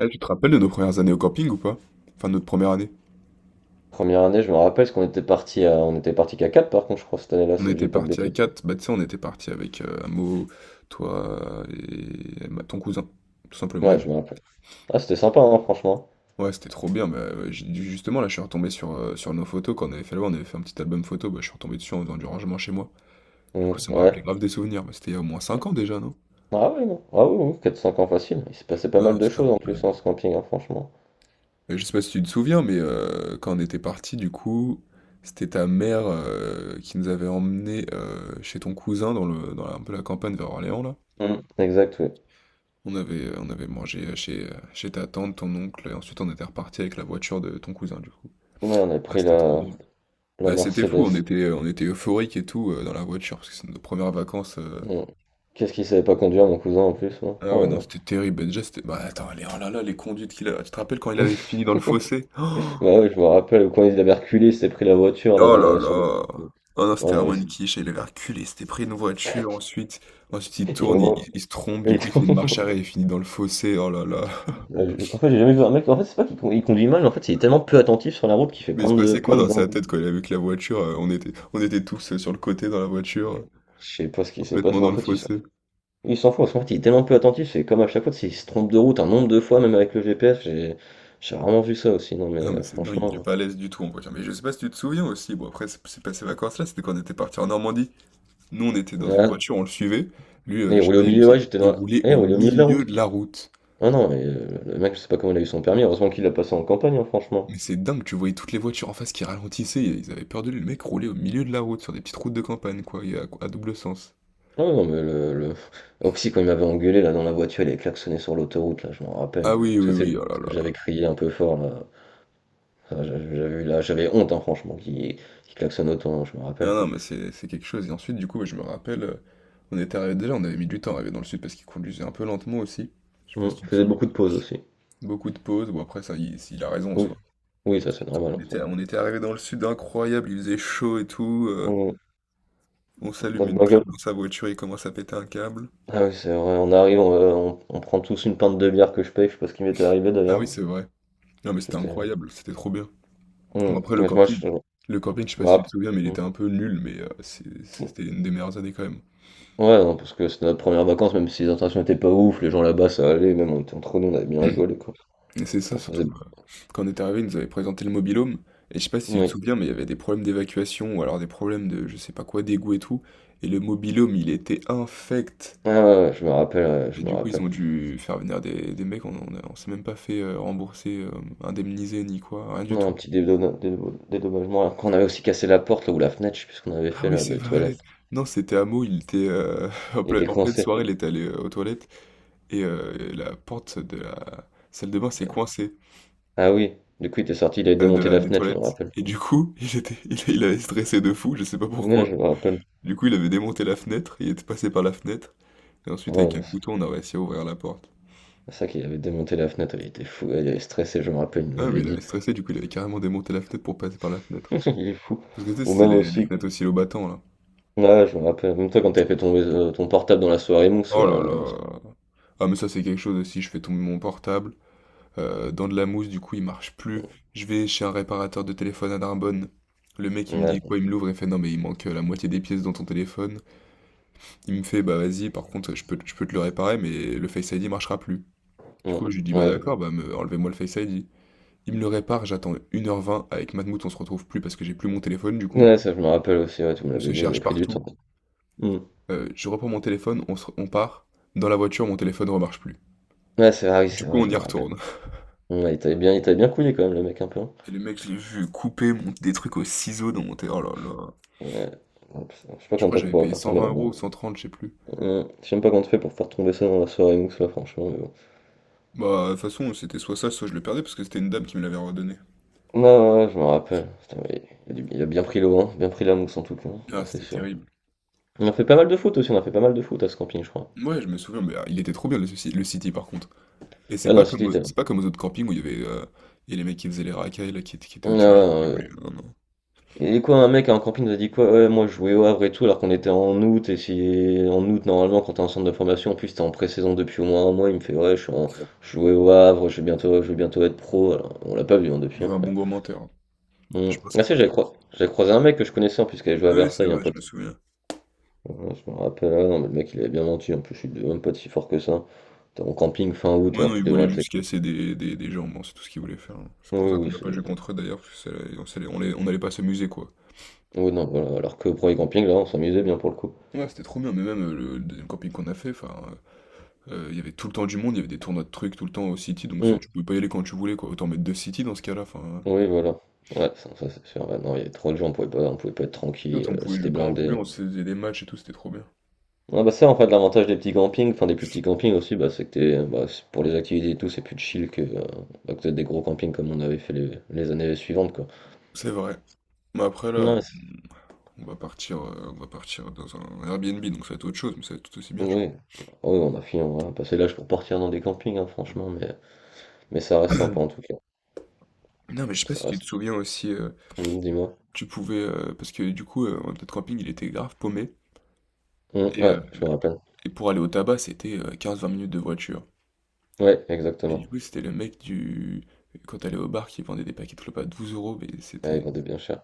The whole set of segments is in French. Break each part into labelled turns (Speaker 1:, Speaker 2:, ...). Speaker 1: Eh, tu te rappelles de nos premières années au camping ou pas? Enfin, notre première année.
Speaker 2: Première année, je me rappelle, parce qu'on était parti qu'à 4. Par contre, je crois, cette année-là,
Speaker 1: On
Speaker 2: si je
Speaker 1: était
Speaker 2: dis pas de
Speaker 1: parti à
Speaker 2: bêtises.
Speaker 1: 4. Bah tu sais, on était parti avec Amo, toi et bah, ton cousin, tout simplement. Et
Speaker 2: Ouais,
Speaker 1: moi.
Speaker 2: je me rappelle. Ah, c'était sympa, hein, franchement.
Speaker 1: Ouais, c'était trop bien, mais justement, là, je suis retombé sur nos photos. Quand on avait fait là On avait fait un petit album photo, bah, je suis retombé dessus en faisant du rangement chez moi. Du
Speaker 2: Mm,
Speaker 1: coup, ça m'a
Speaker 2: ouais.
Speaker 1: rappelé grave des souvenirs, mais c'était il y a au moins
Speaker 2: Ouais.
Speaker 1: 5 ans déjà, non?
Speaker 2: Ah oui, non. Ah oui, oui, 4-5 ans facile. Il s'est passé pas
Speaker 1: Non,
Speaker 2: mal
Speaker 1: non,
Speaker 2: de
Speaker 1: c'était
Speaker 2: choses en plus
Speaker 1: incroyable.
Speaker 2: en ce camping, hein, franchement.
Speaker 1: Je sais pas si tu te souviens, mais quand on était parti, du coup, c'était ta mère qui nous avait emmenés chez ton cousin dans le, dans la- un peu la campagne vers Orléans, là.
Speaker 2: Mm. Exact, oui.
Speaker 1: On avait mangé chez ta tante, ton oncle, et ensuite on était reparti avec la voiture de ton cousin, du coup.
Speaker 2: Ouais, on a
Speaker 1: Ah,
Speaker 2: pris
Speaker 1: c'était trop
Speaker 2: la,
Speaker 1: drôle.
Speaker 2: la
Speaker 1: Ah, c'était fou,
Speaker 2: Mercedes.
Speaker 1: on était euphorique et tout dans la voiture, parce que c'est nos premières vacances.
Speaker 2: Mm. Qu'est-ce qu'il savait pas conduire, mon cousin, en plus, hein.
Speaker 1: Ah ouais, non,
Speaker 2: Oh
Speaker 1: c'était terrible. Ben, déjà, c'était. Bah attends, les, oh là là, les conduites qu'il a. Tu te rappelles quand il
Speaker 2: là là.
Speaker 1: avait fini dans le fossé? Oh.
Speaker 2: Bah ouais, je me rappelle, quand il avait reculé, il s'est pris la voiture, là,
Speaker 1: Oh là
Speaker 2: sur le petit
Speaker 1: là!
Speaker 2: pont.
Speaker 1: Oh non,
Speaker 2: Ah
Speaker 1: c'était
Speaker 2: non, mais
Speaker 1: vraiment une
Speaker 2: c'est-
Speaker 1: quiche, il avait reculé, c'était pris une voiture, ensuite il
Speaker 2: il y a
Speaker 1: tourne, il,
Speaker 2: vraiment-
Speaker 1: il- il se trompe, du coup il fait une marche arrière, il finit dans le fossé, oh là là.
Speaker 2: Ouais, en fait, j'ai jamais vu un mec. En fait, c'est pas qu'il con- il conduit mal, mais en fait, il est tellement peu attentif sur la route qu'il fait
Speaker 1: Mais il se
Speaker 2: plein de
Speaker 1: passait quoi
Speaker 2: plein de
Speaker 1: dans sa
Speaker 2: dingueries.
Speaker 1: tête quand il a vu que la voiture, on était tous sur le côté dans la voiture,
Speaker 2: Je sais pas ce qui s'est passé,
Speaker 1: complètement
Speaker 2: mais
Speaker 1: dans
Speaker 2: en
Speaker 1: le
Speaker 2: fait, il s'en
Speaker 1: fossé.
Speaker 2: il s'en fout. Parce qu'en fait, il est tellement peu attentif, c'est comme à chaque fois, s'il se trompe de route un nombre de fois, même avec le GPS, j'ai rarement vu ça aussi. Non, mais
Speaker 1: Non mais c'est dingue, il est
Speaker 2: franchement.
Speaker 1: pas à l'aise du tout en voiture. Mais je sais pas si tu te souviens aussi, bon après c'est pas ces vacances-là, c'était quand on était parti en Normandie. Nous on était dans une
Speaker 2: Ouais.
Speaker 1: voiture, on le suivait, lui
Speaker 2: Mais il
Speaker 1: je sais
Speaker 2: roulait
Speaker 1: pas
Speaker 2: au
Speaker 1: il y avait
Speaker 2: milieu,
Speaker 1: qui,
Speaker 2: ouais,
Speaker 1: il roulait
Speaker 2: Eh, il
Speaker 1: au
Speaker 2: roulait au milieu de la
Speaker 1: milieu
Speaker 2: route.
Speaker 1: de la route.
Speaker 2: Ah non, mais le mec, je sais pas comment il a eu son permis. Heureusement qu'il l'a passé en campagne, hein, franchement.
Speaker 1: Mais c'est dingue, tu voyais toutes les voitures en face qui ralentissaient, ils avaient peur de lui, le mec roulait au milieu de la route, sur des petites routes de campagne, quoi, et à double sens.
Speaker 2: Ah ouais, non, mais Oxy, quand il m'avait engueulé là dans la voiture, il avait klaxonné sur l'autoroute, là, je m'en
Speaker 1: Ah
Speaker 2: rappelle.
Speaker 1: oui,
Speaker 2: Parce
Speaker 1: oui,
Speaker 2: que c'est
Speaker 1: oui, oh là
Speaker 2: parce que j'avais
Speaker 1: là.
Speaker 2: crié un peu fort là. Enfin, j'avais honte, hein, franchement, qui klaxonne autant, hein, je me
Speaker 1: Non,
Speaker 2: rappelle.
Speaker 1: non, mais c'est quelque chose. Et ensuite, du coup, je me rappelle, on était arrivé déjà, on avait mis du temps à arriver dans le sud parce qu'il conduisait un peu lentement aussi. Je sais pas
Speaker 2: Mm.
Speaker 1: si
Speaker 2: Il
Speaker 1: tu te
Speaker 2: faisait
Speaker 1: souviens.
Speaker 2: beaucoup de pauses aussi.
Speaker 1: Beaucoup de pauses, bon après, ça, il a raison en
Speaker 2: Oui,
Speaker 1: soi.
Speaker 2: oui, ça c'est
Speaker 1: Ensuite,
Speaker 2: normal,
Speaker 1: on
Speaker 2: en soi.
Speaker 1: était, on était arrivé dans le sud, incroyable, il faisait chaud et tout.
Speaker 2: Mm.
Speaker 1: On s'allume
Speaker 2: Notre
Speaker 1: une clope
Speaker 2: bagnole-
Speaker 1: dans sa voiture, il commence à péter un câble.
Speaker 2: Ah oui, c'est vrai, on arrive, on prend tous une pinte de bière que je paye, je sais pas ce qui m'était arrivé
Speaker 1: Ah oui,
Speaker 2: d'ailleurs.
Speaker 1: c'est vrai. Non, mais c'était
Speaker 2: J'étais.
Speaker 1: incroyable, c'était trop bien. Bon,
Speaker 2: Mm.
Speaker 1: après,
Speaker 2: Ouais, moi, je,
Speaker 1: le camping, je sais
Speaker 2: je
Speaker 1: pas
Speaker 2: me
Speaker 1: si tu te
Speaker 2: rappelle.
Speaker 1: souviens, mais il
Speaker 2: Mm.
Speaker 1: était un peu nul, mais
Speaker 2: Mm.
Speaker 1: c'était une des meilleures années quand même.
Speaker 2: Ouais, non, parce que c'était notre première vacances, même si les intentions étaient pas ouf, les gens là-bas ça allait, même on était entre nous, on avait bien rigolé quoi.
Speaker 1: Et c'est ça
Speaker 2: On faisait.
Speaker 1: surtout. Quand on est arrivé, ils nous avaient présenté le mobilhome. Et je sais pas si tu te
Speaker 2: Oui.
Speaker 1: souviens, mais il y avait des problèmes d'évacuation ou alors des problèmes de je sais pas quoi, d'égout et tout. Et le mobilhome, il était infect.
Speaker 2: Ah ouais, ouais, je me rappelle, ouais,
Speaker 1: Et
Speaker 2: je me
Speaker 1: du coup, ils
Speaker 2: rappelle.
Speaker 1: ont dû faire venir des mecs. On s'est même pas fait rembourser, indemniser ni quoi, rien du
Speaker 2: Non,
Speaker 1: tout.
Speaker 2: un petit dédommagement. Après, on avait aussi cassé la porte là, ou la fenêtre, je sais plus ce qu'on avait
Speaker 1: Ah
Speaker 2: fait
Speaker 1: oui,
Speaker 2: là,
Speaker 1: c'est
Speaker 2: des
Speaker 1: vrai.
Speaker 2: toilettes.
Speaker 1: Non, c'était Hameau, il était en
Speaker 2: Il
Speaker 1: pleine,
Speaker 2: était
Speaker 1: en pleine
Speaker 2: coincé.
Speaker 1: soirée, il était allé aux toilettes. Et la porte de la salle de bain s'est coincée
Speaker 2: Ah oui, du coup, il était sorti, il avait
Speaker 1: de
Speaker 2: démonté
Speaker 1: la
Speaker 2: la
Speaker 1: des
Speaker 2: fenêtre, je me
Speaker 1: toilettes.
Speaker 2: rappelle.
Speaker 1: Et du coup, il avait stressé de fou, je sais pas
Speaker 2: Ouais,
Speaker 1: pourquoi.
Speaker 2: je me rappelle.
Speaker 1: Du coup, il avait démonté la fenêtre, il était passé par la fenêtre, et ensuite
Speaker 2: Ouais,
Speaker 1: avec un
Speaker 2: non, c'est
Speaker 1: couteau, on a réussi à ouvrir la porte.
Speaker 2: c'est ça qu'il avait démonté la fenêtre, il était fou, il avait stressé, je me rappelle, il nous
Speaker 1: Ah, mais
Speaker 2: avait
Speaker 1: il avait
Speaker 2: dit.
Speaker 1: stressé, du coup, il avait carrément démonté la fenêtre pour passer par la fenêtre.
Speaker 2: Il est fou.
Speaker 1: Parce que tu sais,
Speaker 2: Ou
Speaker 1: c'est
Speaker 2: même
Speaker 1: les
Speaker 2: aussi,
Speaker 1: fenêtres aussi au battant là.
Speaker 2: ouais, je me rappelle, même toi quand t'avais fait tomber ton portable dans la soirée mousse
Speaker 1: Oh là
Speaker 2: là.
Speaker 1: là. Ah, mais ça, c'est quelque chose aussi, je fais tomber mon portable, dans de la mousse, du coup il marche plus. Je vais chez un réparateur de téléphone à Narbonne. Le mec il me
Speaker 2: Ouais,
Speaker 1: dit quoi, il me l'ouvre et fait non mais il manque la moitié des pièces dans ton téléphone. Il me fait bah vas-y, par contre je peux te le réparer mais le Face ID marchera plus. Du
Speaker 2: ouais,
Speaker 1: coup je lui dis bah
Speaker 2: ouais,
Speaker 1: d'accord, bah enlevez-moi le Face ID. Il me le répare, j'attends 1h20 avec Matmout, on se retrouve plus parce que j'ai plus mon téléphone du coup.
Speaker 2: ouais, ça je me rappelle aussi, ouais, tu me
Speaker 1: On se
Speaker 2: l'avais dit, vous avez
Speaker 1: cherche
Speaker 2: pris du temps.
Speaker 1: partout.
Speaker 2: Hmm.
Speaker 1: Je reprends mon téléphone, on part. Dans la voiture, mon téléphone ne remarche plus.
Speaker 2: Ouais, c'est vrai, oui,
Speaker 1: Du
Speaker 2: c'est
Speaker 1: coup,
Speaker 2: vrai,
Speaker 1: on
Speaker 2: je
Speaker 1: y
Speaker 2: me rappelle.
Speaker 1: retourne.
Speaker 2: Ouais, il t'avait bien couillé quand même, le mec, un peu, hein.
Speaker 1: Et le mec, je l'ai vu couper des trucs au ciseau dans mon téléphone. Oh là là.
Speaker 2: Ouais. Je sais pas
Speaker 1: Je
Speaker 2: comment
Speaker 1: crois
Speaker 2: t'as
Speaker 1: que
Speaker 2: fait
Speaker 1: j'avais
Speaker 2: pour la
Speaker 1: payé
Speaker 2: faire tomber
Speaker 1: 120
Speaker 2: là-dedans.
Speaker 1: euros ou 130, je sais plus.
Speaker 2: Ouais. Je sais même pas comment t'as fait pour faire tomber ça dans la soirée mousse là, franchement, mais bon.
Speaker 1: Bah, de toute façon, c'était soit ça, soit je le perdais parce que c'était une dame qui me l'avait redonné.
Speaker 2: Non, ouais, ouais, je me rappelle. Putain, mais il a bien pris l'eau, vent, bien pris la mousse en tout cas, hein. Ça
Speaker 1: Ah,
Speaker 2: c'est
Speaker 1: c'était
Speaker 2: sûr.
Speaker 1: terrible.
Speaker 2: On a fait pas mal de foot aussi, on a fait pas mal de foot à ce camping, je crois.
Speaker 1: Ouais, je me souviens, mais ah, il était trop bien le City par contre. Et c'est
Speaker 2: Ah non,
Speaker 1: pas
Speaker 2: le City
Speaker 1: comme,
Speaker 2: était
Speaker 1: au-
Speaker 2: là.
Speaker 1: c'est pas comme aux autres campings où il y a les mecs qui faisaient les racailles là, qui, étaient- qui
Speaker 2: Ah
Speaker 1: étaient au
Speaker 2: ouais,
Speaker 1: terrain.
Speaker 2: ouais. Ouais.
Speaker 1: Non, non.
Speaker 2: Et quoi, un mec à un camping nous a dit quoi? Ouais, moi je jouais au Havre et tout, alors qu'on était en août, et si en août, normalement, quand t'es en centre de formation, en plus t'es en pré-saison depuis au moins un mois, il me fait ouais, je suis en... je jouais au Havre, je vais bientôt être pro, alors on l'a pas vu hein, depuis. Hein.
Speaker 1: Ouais, un bon gros menteur, hein.
Speaker 2: Hmm.
Speaker 1: Je pense
Speaker 2: Ah
Speaker 1: que.
Speaker 2: si, j'avais croisé un mec que je connaissais en plus qui avait joué à
Speaker 1: Ah oui, c'est
Speaker 2: Versailles, un
Speaker 1: vrai, je
Speaker 2: pote.
Speaker 1: me souviens.
Speaker 2: Ouais, je me rappelle, ah non mais le mec il avait bien menti, en plus je suis même pas si fort que ça. T'es en camping fin août
Speaker 1: Ouais,
Speaker 2: alors
Speaker 1: non,
Speaker 2: que
Speaker 1: ils
Speaker 2: tu devrais
Speaker 1: voulaient
Speaker 2: être...
Speaker 1: juste casser des gens, bon, c'est tout ce qu'ils voulaient faire, hein. C'est
Speaker 2: Oui,
Speaker 1: pour ça qu'on
Speaker 2: oui,
Speaker 1: n'a pas joué contre eux d'ailleurs, parce que on allait pas s'amuser quoi.
Speaker 2: oui, non, voilà, alors que pour les campings là on s'amusait bien pour le coup.
Speaker 1: Ouais, c'était trop bien, mais même le deuxième camping qu'on a fait, enfin, Il y avait tout le temps du monde, il y avait des tournois de trucs tout le temps au city, donc
Speaker 2: Hmm.
Speaker 1: c'est tu pouvais pas y aller quand tu voulais quoi. Autant mettre deux city dans ce cas-là, enfin,
Speaker 2: Oui, voilà. Ouais, ça, c'est sûr, ouais, non, il y avait trop de gens, on pouvait pas être
Speaker 1: l'autre
Speaker 2: tranquille,
Speaker 1: on pouvait jouer
Speaker 2: c'était
Speaker 1: quand on voulait,
Speaker 2: blindé.
Speaker 1: on se faisait des matchs et tout, c'était trop bien.
Speaker 2: Ah bah ça en fait l'avantage des petits campings, enfin des plus petits campings aussi, bah c'est que t'es, bah, pour les activités et tout c'est plus chill que, bah, que des gros campings comme on avait fait les années suivantes quoi.
Speaker 1: C'est vrai. Mais après là,
Speaker 2: Ouais,
Speaker 1: on va partir dans un Airbnb, donc ça va être autre chose, mais ça va être tout aussi bien je p
Speaker 2: oui, oui, on a fini, on a passé l'âge pour partir dans des campings, hein, franchement, mais ça reste sympa en tout cas.
Speaker 1: Non mais je sais pas
Speaker 2: Ça
Speaker 1: si tu te
Speaker 2: reste.
Speaker 1: souviens aussi,
Speaker 2: Dis-moi.
Speaker 1: parce que du coup, notre camping il était grave paumé et heu
Speaker 2: Ouais, je me rappelle.
Speaker 1: et pour aller au tabac c'était, 15-20 minutes de voiture.
Speaker 2: Ouais,
Speaker 1: Et du
Speaker 2: exactement.
Speaker 1: coup c'était le mec du quand t'allais au bar qui vendait des paquets de clopes à 12 euros mais
Speaker 2: Ouais, ils
Speaker 1: c'était.
Speaker 2: vendaient bien cher.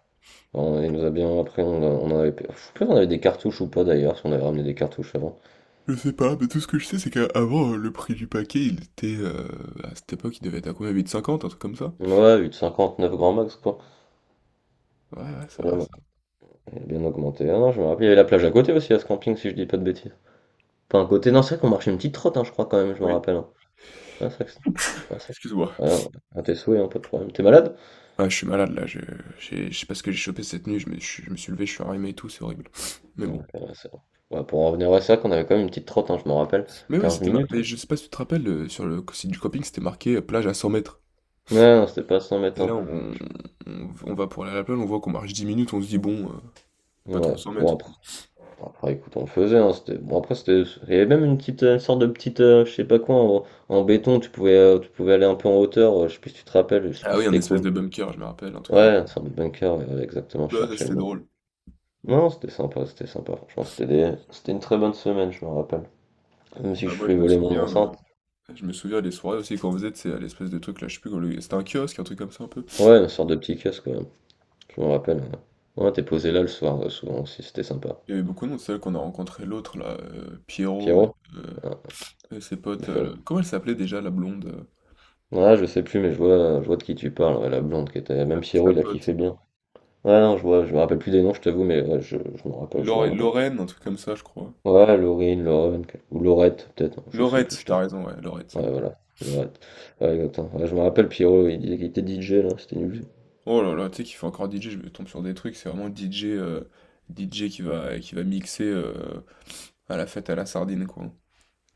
Speaker 2: Enfin, il nous a bien. Après, on en avait. Je sais plus si on avait des cartouches ou pas d'ailleurs, si on avait ramené des cartouches avant.
Speaker 1: Je sais pas, mais tout ce que je sais, c'est qu'avant, le prix du paquet, il était, à cette époque, il devait être à combien? 8,50, un truc comme ça?
Speaker 2: Ouais, 8,59 grand max quoi.
Speaker 1: Ouais, ouais, c'est
Speaker 2: Ouais,
Speaker 1: vrai,
Speaker 2: ouais,
Speaker 1: ça.
Speaker 2: il a bien augmenté. Ah non, je me rappelle, il y avait la plage à côté aussi à ce camping, si je dis pas de bêtises. Pas un côté. Non, c'est vrai qu'on marchait une petite trotte, hein, je crois quand même, je me
Speaker 1: Oui,
Speaker 2: rappelle, hein. Ouais, c'est vrai que c'est- ouais, c'est vrai
Speaker 1: excuse-moi.
Speaker 2: que- Ouais, ouais, à tes souhaits, hein, pas de problème. T'es malade?
Speaker 1: Ah, je suis malade, là, je sais pas ce que j'ai chopé cette nuit, je me suis levé, je suis enrhumé et tout, c'est horrible. Mais
Speaker 2: Ouais,
Speaker 1: bon.
Speaker 2: intéressant. Ouais, pour en revenir à ça, qu'on avait quand même une petite trotte, hein, je m'en rappelle.
Speaker 1: Mais oui,
Speaker 2: quinze
Speaker 1: c'était... ma-
Speaker 2: minutes.
Speaker 1: Mais je sais pas si tu te rappelles, sur le site du camping, c'était marqué plage à 100 mètres.
Speaker 2: Ouais, non, c'était pas 100 mètres,
Speaker 1: Et là,
Speaker 2: hein.
Speaker 1: on va pour aller à la plage, on voit qu'on marche 10 minutes, on se dit, bon, pas trop
Speaker 2: Ouais.
Speaker 1: 100
Speaker 2: Bon,
Speaker 1: mètres.
Speaker 2: après, écoute, on le faisait, hein, c'était... Bon, après, c'était... Il y avait même une sorte de petite, je sais pas quoi, en béton, tu pouvais aller un peu en hauteur. Je sais plus si tu te rappelles, je sais
Speaker 1: Ah
Speaker 2: plus si
Speaker 1: oui, un
Speaker 2: c'était quoi.
Speaker 1: espèce de bunker, je me rappelle, un truc comme ça.
Speaker 2: Ouais, une sorte de bunker, ouais, ouais, exactement, je
Speaker 1: Bah, ça,
Speaker 2: cherchais le
Speaker 1: c'était
Speaker 2: mot.
Speaker 1: drôle.
Speaker 2: Non, c'était sympa, c'était sympa. Franchement, c'était des... c'était une très bonne semaine, je me rappelle. Même si
Speaker 1: Ah,
Speaker 2: je
Speaker 1: moi,
Speaker 2: fais
Speaker 1: je me
Speaker 2: voler mon
Speaker 1: souviens...
Speaker 2: enceinte.
Speaker 1: euh, Je me souviens des soirées aussi qu'on faisait, tu sais, à l'espèce de truc là, je sais plus comment le. C'était un kiosque, un truc comme ça un peu.
Speaker 2: Ouais, une sorte de petit casque, quand même. Je me rappelle. Ouais, ouais, t'es posé là le soir, souvent aussi, c'était sympa.
Speaker 1: Il y avait beaucoup de monde, c'est là qu'on a rencontré l'autre là, Pierrot,
Speaker 2: Pierrot?
Speaker 1: euh,
Speaker 2: Ah,
Speaker 1: et ses
Speaker 2: le
Speaker 1: potes.
Speaker 2: fameux.
Speaker 1: Comment elle s'appelait déjà la blonde,
Speaker 2: Ouais, je sais plus, mais je vois de qui tu parles, ouais, la blonde qui était. Même
Speaker 1: sa
Speaker 2: Pierrot, il a
Speaker 1: pote?
Speaker 2: kiffé bien. Ouais, non, je vois, je me rappelle plus des noms, je t'avoue, mais ouais, je m'en rappelle, je m'en rappelle.
Speaker 1: Lorraine, un truc comme ça, je crois.
Speaker 2: Ouais, Laurine, Lauren, ou Laurette, peut-être, non, je sais plus,
Speaker 1: Laurette,
Speaker 2: je
Speaker 1: t'as
Speaker 2: t'avoue.
Speaker 1: raison, ouais, Laurette, c'est
Speaker 2: Ouais,
Speaker 1: bon.
Speaker 2: voilà, Laurette. Ouais, exactement. Ouais, je me rappelle, Pierrot, il disait qu'il était DJ, là, c'était nul.
Speaker 1: Oh là là, tu sais qu'il fait encore DJ, je me tombe sur des trucs, c'est vraiment DJ, DJ qui va mixer à la fête à la sardine, quoi.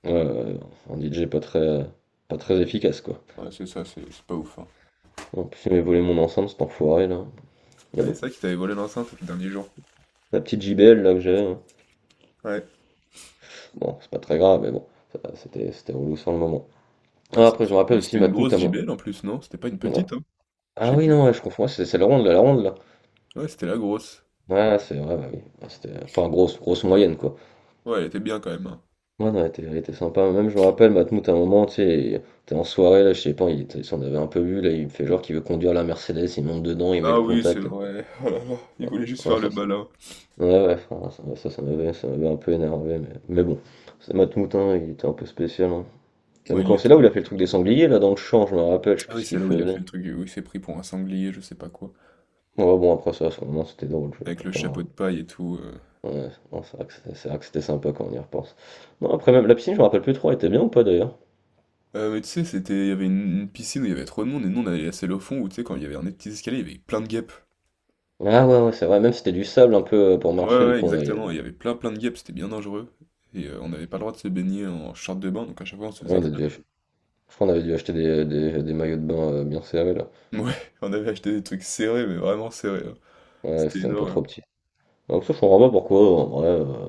Speaker 2: Ouais, ouais, ouais, un DJ pas très efficace, quoi.
Speaker 1: Ouais, c'est ça, c'est pas ouf, hein.
Speaker 2: En plus, il m'avait volé mon enceinte, cet enfoiré, là.
Speaker 1: Ah,
Speaker 2: Mais
Speaker 1: c'est
Speaker 2: bon,
Speaker 1: ça qui t'avait volé l'enceinte le dernier jour.
Speaker 2: la petite JBL, là, que j'avais, hein.
Speaker 1: Ouais.
Speaker 2: Bon, c'est pas très grave, mais bon, c'était relou sur le moment.
Speaker 1: Ah,
Speaker 2: Ah,
Speaker 1: c'est
Speaker 2: après, je me
Speaker 1: sûr,
Speaker 2: rappelle
Speaker 1: mais
Speaker 2: aussi
Speaker 1: c'était une
Speaker 2: Matmout
Speaker 1: grosse
Speaker 2: à moi.
Speaker 1: JBL en plus, non? C'était pas une
Speaker 2: Ouais.
Speaker 1: petite, hein? Je
Speaker 2: Ah
Speaker 1: sais
Speaker 2: oui,
Speaker 1: plus.
Speaker 2: non, ouais, je confonds. Ouais, c'est la ronde, là, la ronde, là.
Speaker 1: Ouais, c'était la grosse.
Speaker 2: Ouais, c'est vrai, bah oui. Ouais, c'était, enfin, grosse, grosse moyenne, quoi.
Speaker 1: Ouais, elle était bien quand même, hein.
Speaker 2: Ouais, non, elle était sympa. Même, je me rappelle, Matmout, à un moment, tu sais, il était en soirée, là, je sais pas, il s'en avait un peu vu, là, il me fait genre qu'il veut conduire la Mercedes, il monte dedans, il met
Speaker 1: Ah
Speaker 2: le
Speaker 1: oui, c'est
Speaker 2: contact, là.
Speaker 1: vrai. Oh là là, il voulait juste
Speaker 2: Ouais,
Speaker 1: faire le malin.
Speaker 2: ouais, ouais, enfin, ça, ouais, ça, ça m'avait un peu énervé, mais bon. C'est Matmout, hein, il était un peu spécial, hein.
Speaker 1: Moi
Speaker 2: Même
Speaker 1: il
Speaker 2: quand
Speaker 1: l'est
Speaker 2: c'est là où il
Speaker 1: toujours.
Speaker 2: a fait le truc des sangliers, là, dans le champ, je me rappelle, je sais
Speaker 1: Ah
Speaker 2: plus ce
Speaker 1: oui,
Speaker 2: qu'il
Speaker 1: c'est là où il a
Speaker 2: faisait.
Speaker 1: fait le truc, où il s'est pris pour un sanglier, je sais pas quoi.
Speaker 2: Ouais, bon, après ça, à ce moment, c'était drôle, je vais
Speaker 1: Avec
Speaker 2: pas
Speaker 1: le chapeau
Speaker 2: faire.
Speaker 1: de paille et tout.
Speaker 2: Ouais, non, c'est vrai que c'était sympa quand on y repense. Non, après, même la piscine, je me rappelle plus trop, elle était bien ou pas d'ailleurs?
Speaker 1: Mais tu sais, il y avait une piscine où il y avait trop de monde, et nous on allait la selle au fond, où tu sais, quand il y avait un des petits escaliers, il y avait plein de guêpes.
Speaker 2: Ah ouais, ouais, c'est vrai, même si c'était du sable un peu pour
Speaker 1: Ouais,
Speaker 2: marcher,
Speaker 1: ouais,
Speaker 2: du
Speaker 1: ouais,
Speaker 2: coup, on avait,
Speaker 1: exactement. Il y avait plein plein de guêpes, c'était bien dangereux. Et on n'avait pas le droit de se baigner en short de bain, donc à chaque fois on se faisait
Speaker 2: on a dû
Speaker 1: cramer.
Speaker 2: ach- je crois qu'on avait dû acheter des maillots de bain bien serrés là.
Speaker 1: Ouais, on avait acheté des trucs serrés, mais vraiment serrés, hein.
Speaker 2: Ouais,
Speaker 1: C'était
Speaker 2: c'était
Speaker 1: une
Speaker 2: un peu
Speaker 1: horreur,
Speaker 2: trop petit. Donc ça, je comprends pas pourquoi, en vrai,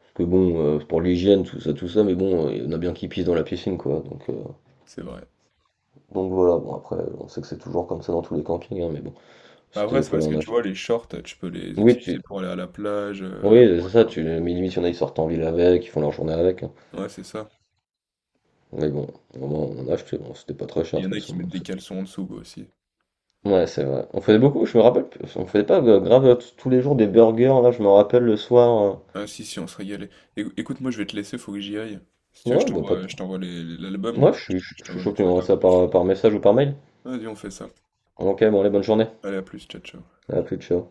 Speaker 2: parce que bon, pour l'hygiène, tout ça, mais bon, il y en a bien qui pissent dans la piscine, quoi. Donc, euh,
Speaker 1: c'est vrai.
Speaker 2: donc voilà, bon, après, on sait que c'est toujours comme ça dans tous les campings, hein, mais bon,
Speaker 1: Mais après,
Speaker 2: c'était,
Speaker 1: c'est
Speaker 2: fallait
Speaker 1: parce que
Speaker 2: en
Speaker 1: tu
Speaker 2: acheter.
Speaker 1: vois, les shorts, tu peux les
Speaker 2: Oui,
Speaker 1: utiliser pour aller à la plage.
Speaker 2: oui,
Speaker 1: euh, pour
Speaker 2: c'est
Speaker 1: aller
Speaker 2: ça,
Speaker 1: par-
Speaker 2: mais limite, il y en a, ils sortent en ville avec, ils font leur journée avec, hein.
Speaker 1: Ouais, c'est ça.
Speaker 2: Mais bon, au moins on en a acheté, bon, c'était pas très
Speaker 1: Il
Speaker 2: cher
Speaker 1: y
Speaker 2: de
Speaker 1: en
Speaker 2: toute
Speaker 1: a
Speaker 2: façon.
Speaker 1: qui mettent des caleçons en dessous, quoi, aussi.
Speaker 2: Ouais, c'est vrai. On faisait beaucoup, je me rappelle, on faisait pas grave tous les jours des burgers, là, je me rappelle le soir.
Speaker 1: Ah si, si, on se régalait. Écoute, moi, je vais te laisser, faut que j'y aille. Si tu veux, je
Speaker 2: Ouais, bah pas
Speaker 1: t'envoie,
Speaker 2: de
Speaker 1: je t'envoie l'album.
Speaker 2: moi, je suis,
Speaker 1: Je
Speaker 2: je suis
Speaker 1: t'envoie
Speaker 2: chaud
Speaker 1: les
Speaker 2: que tu m'envoies
Speaker 1: photos.
Speaker 2: ça par message ou par mail.
Speaker 1: Vas-y, on fait ça.
Speaker 2: Ok, bon, allez, bonne journée.
Speaker 1: Allez, à plus, ciao, ciao.
Speaker 2: À plus, ciao.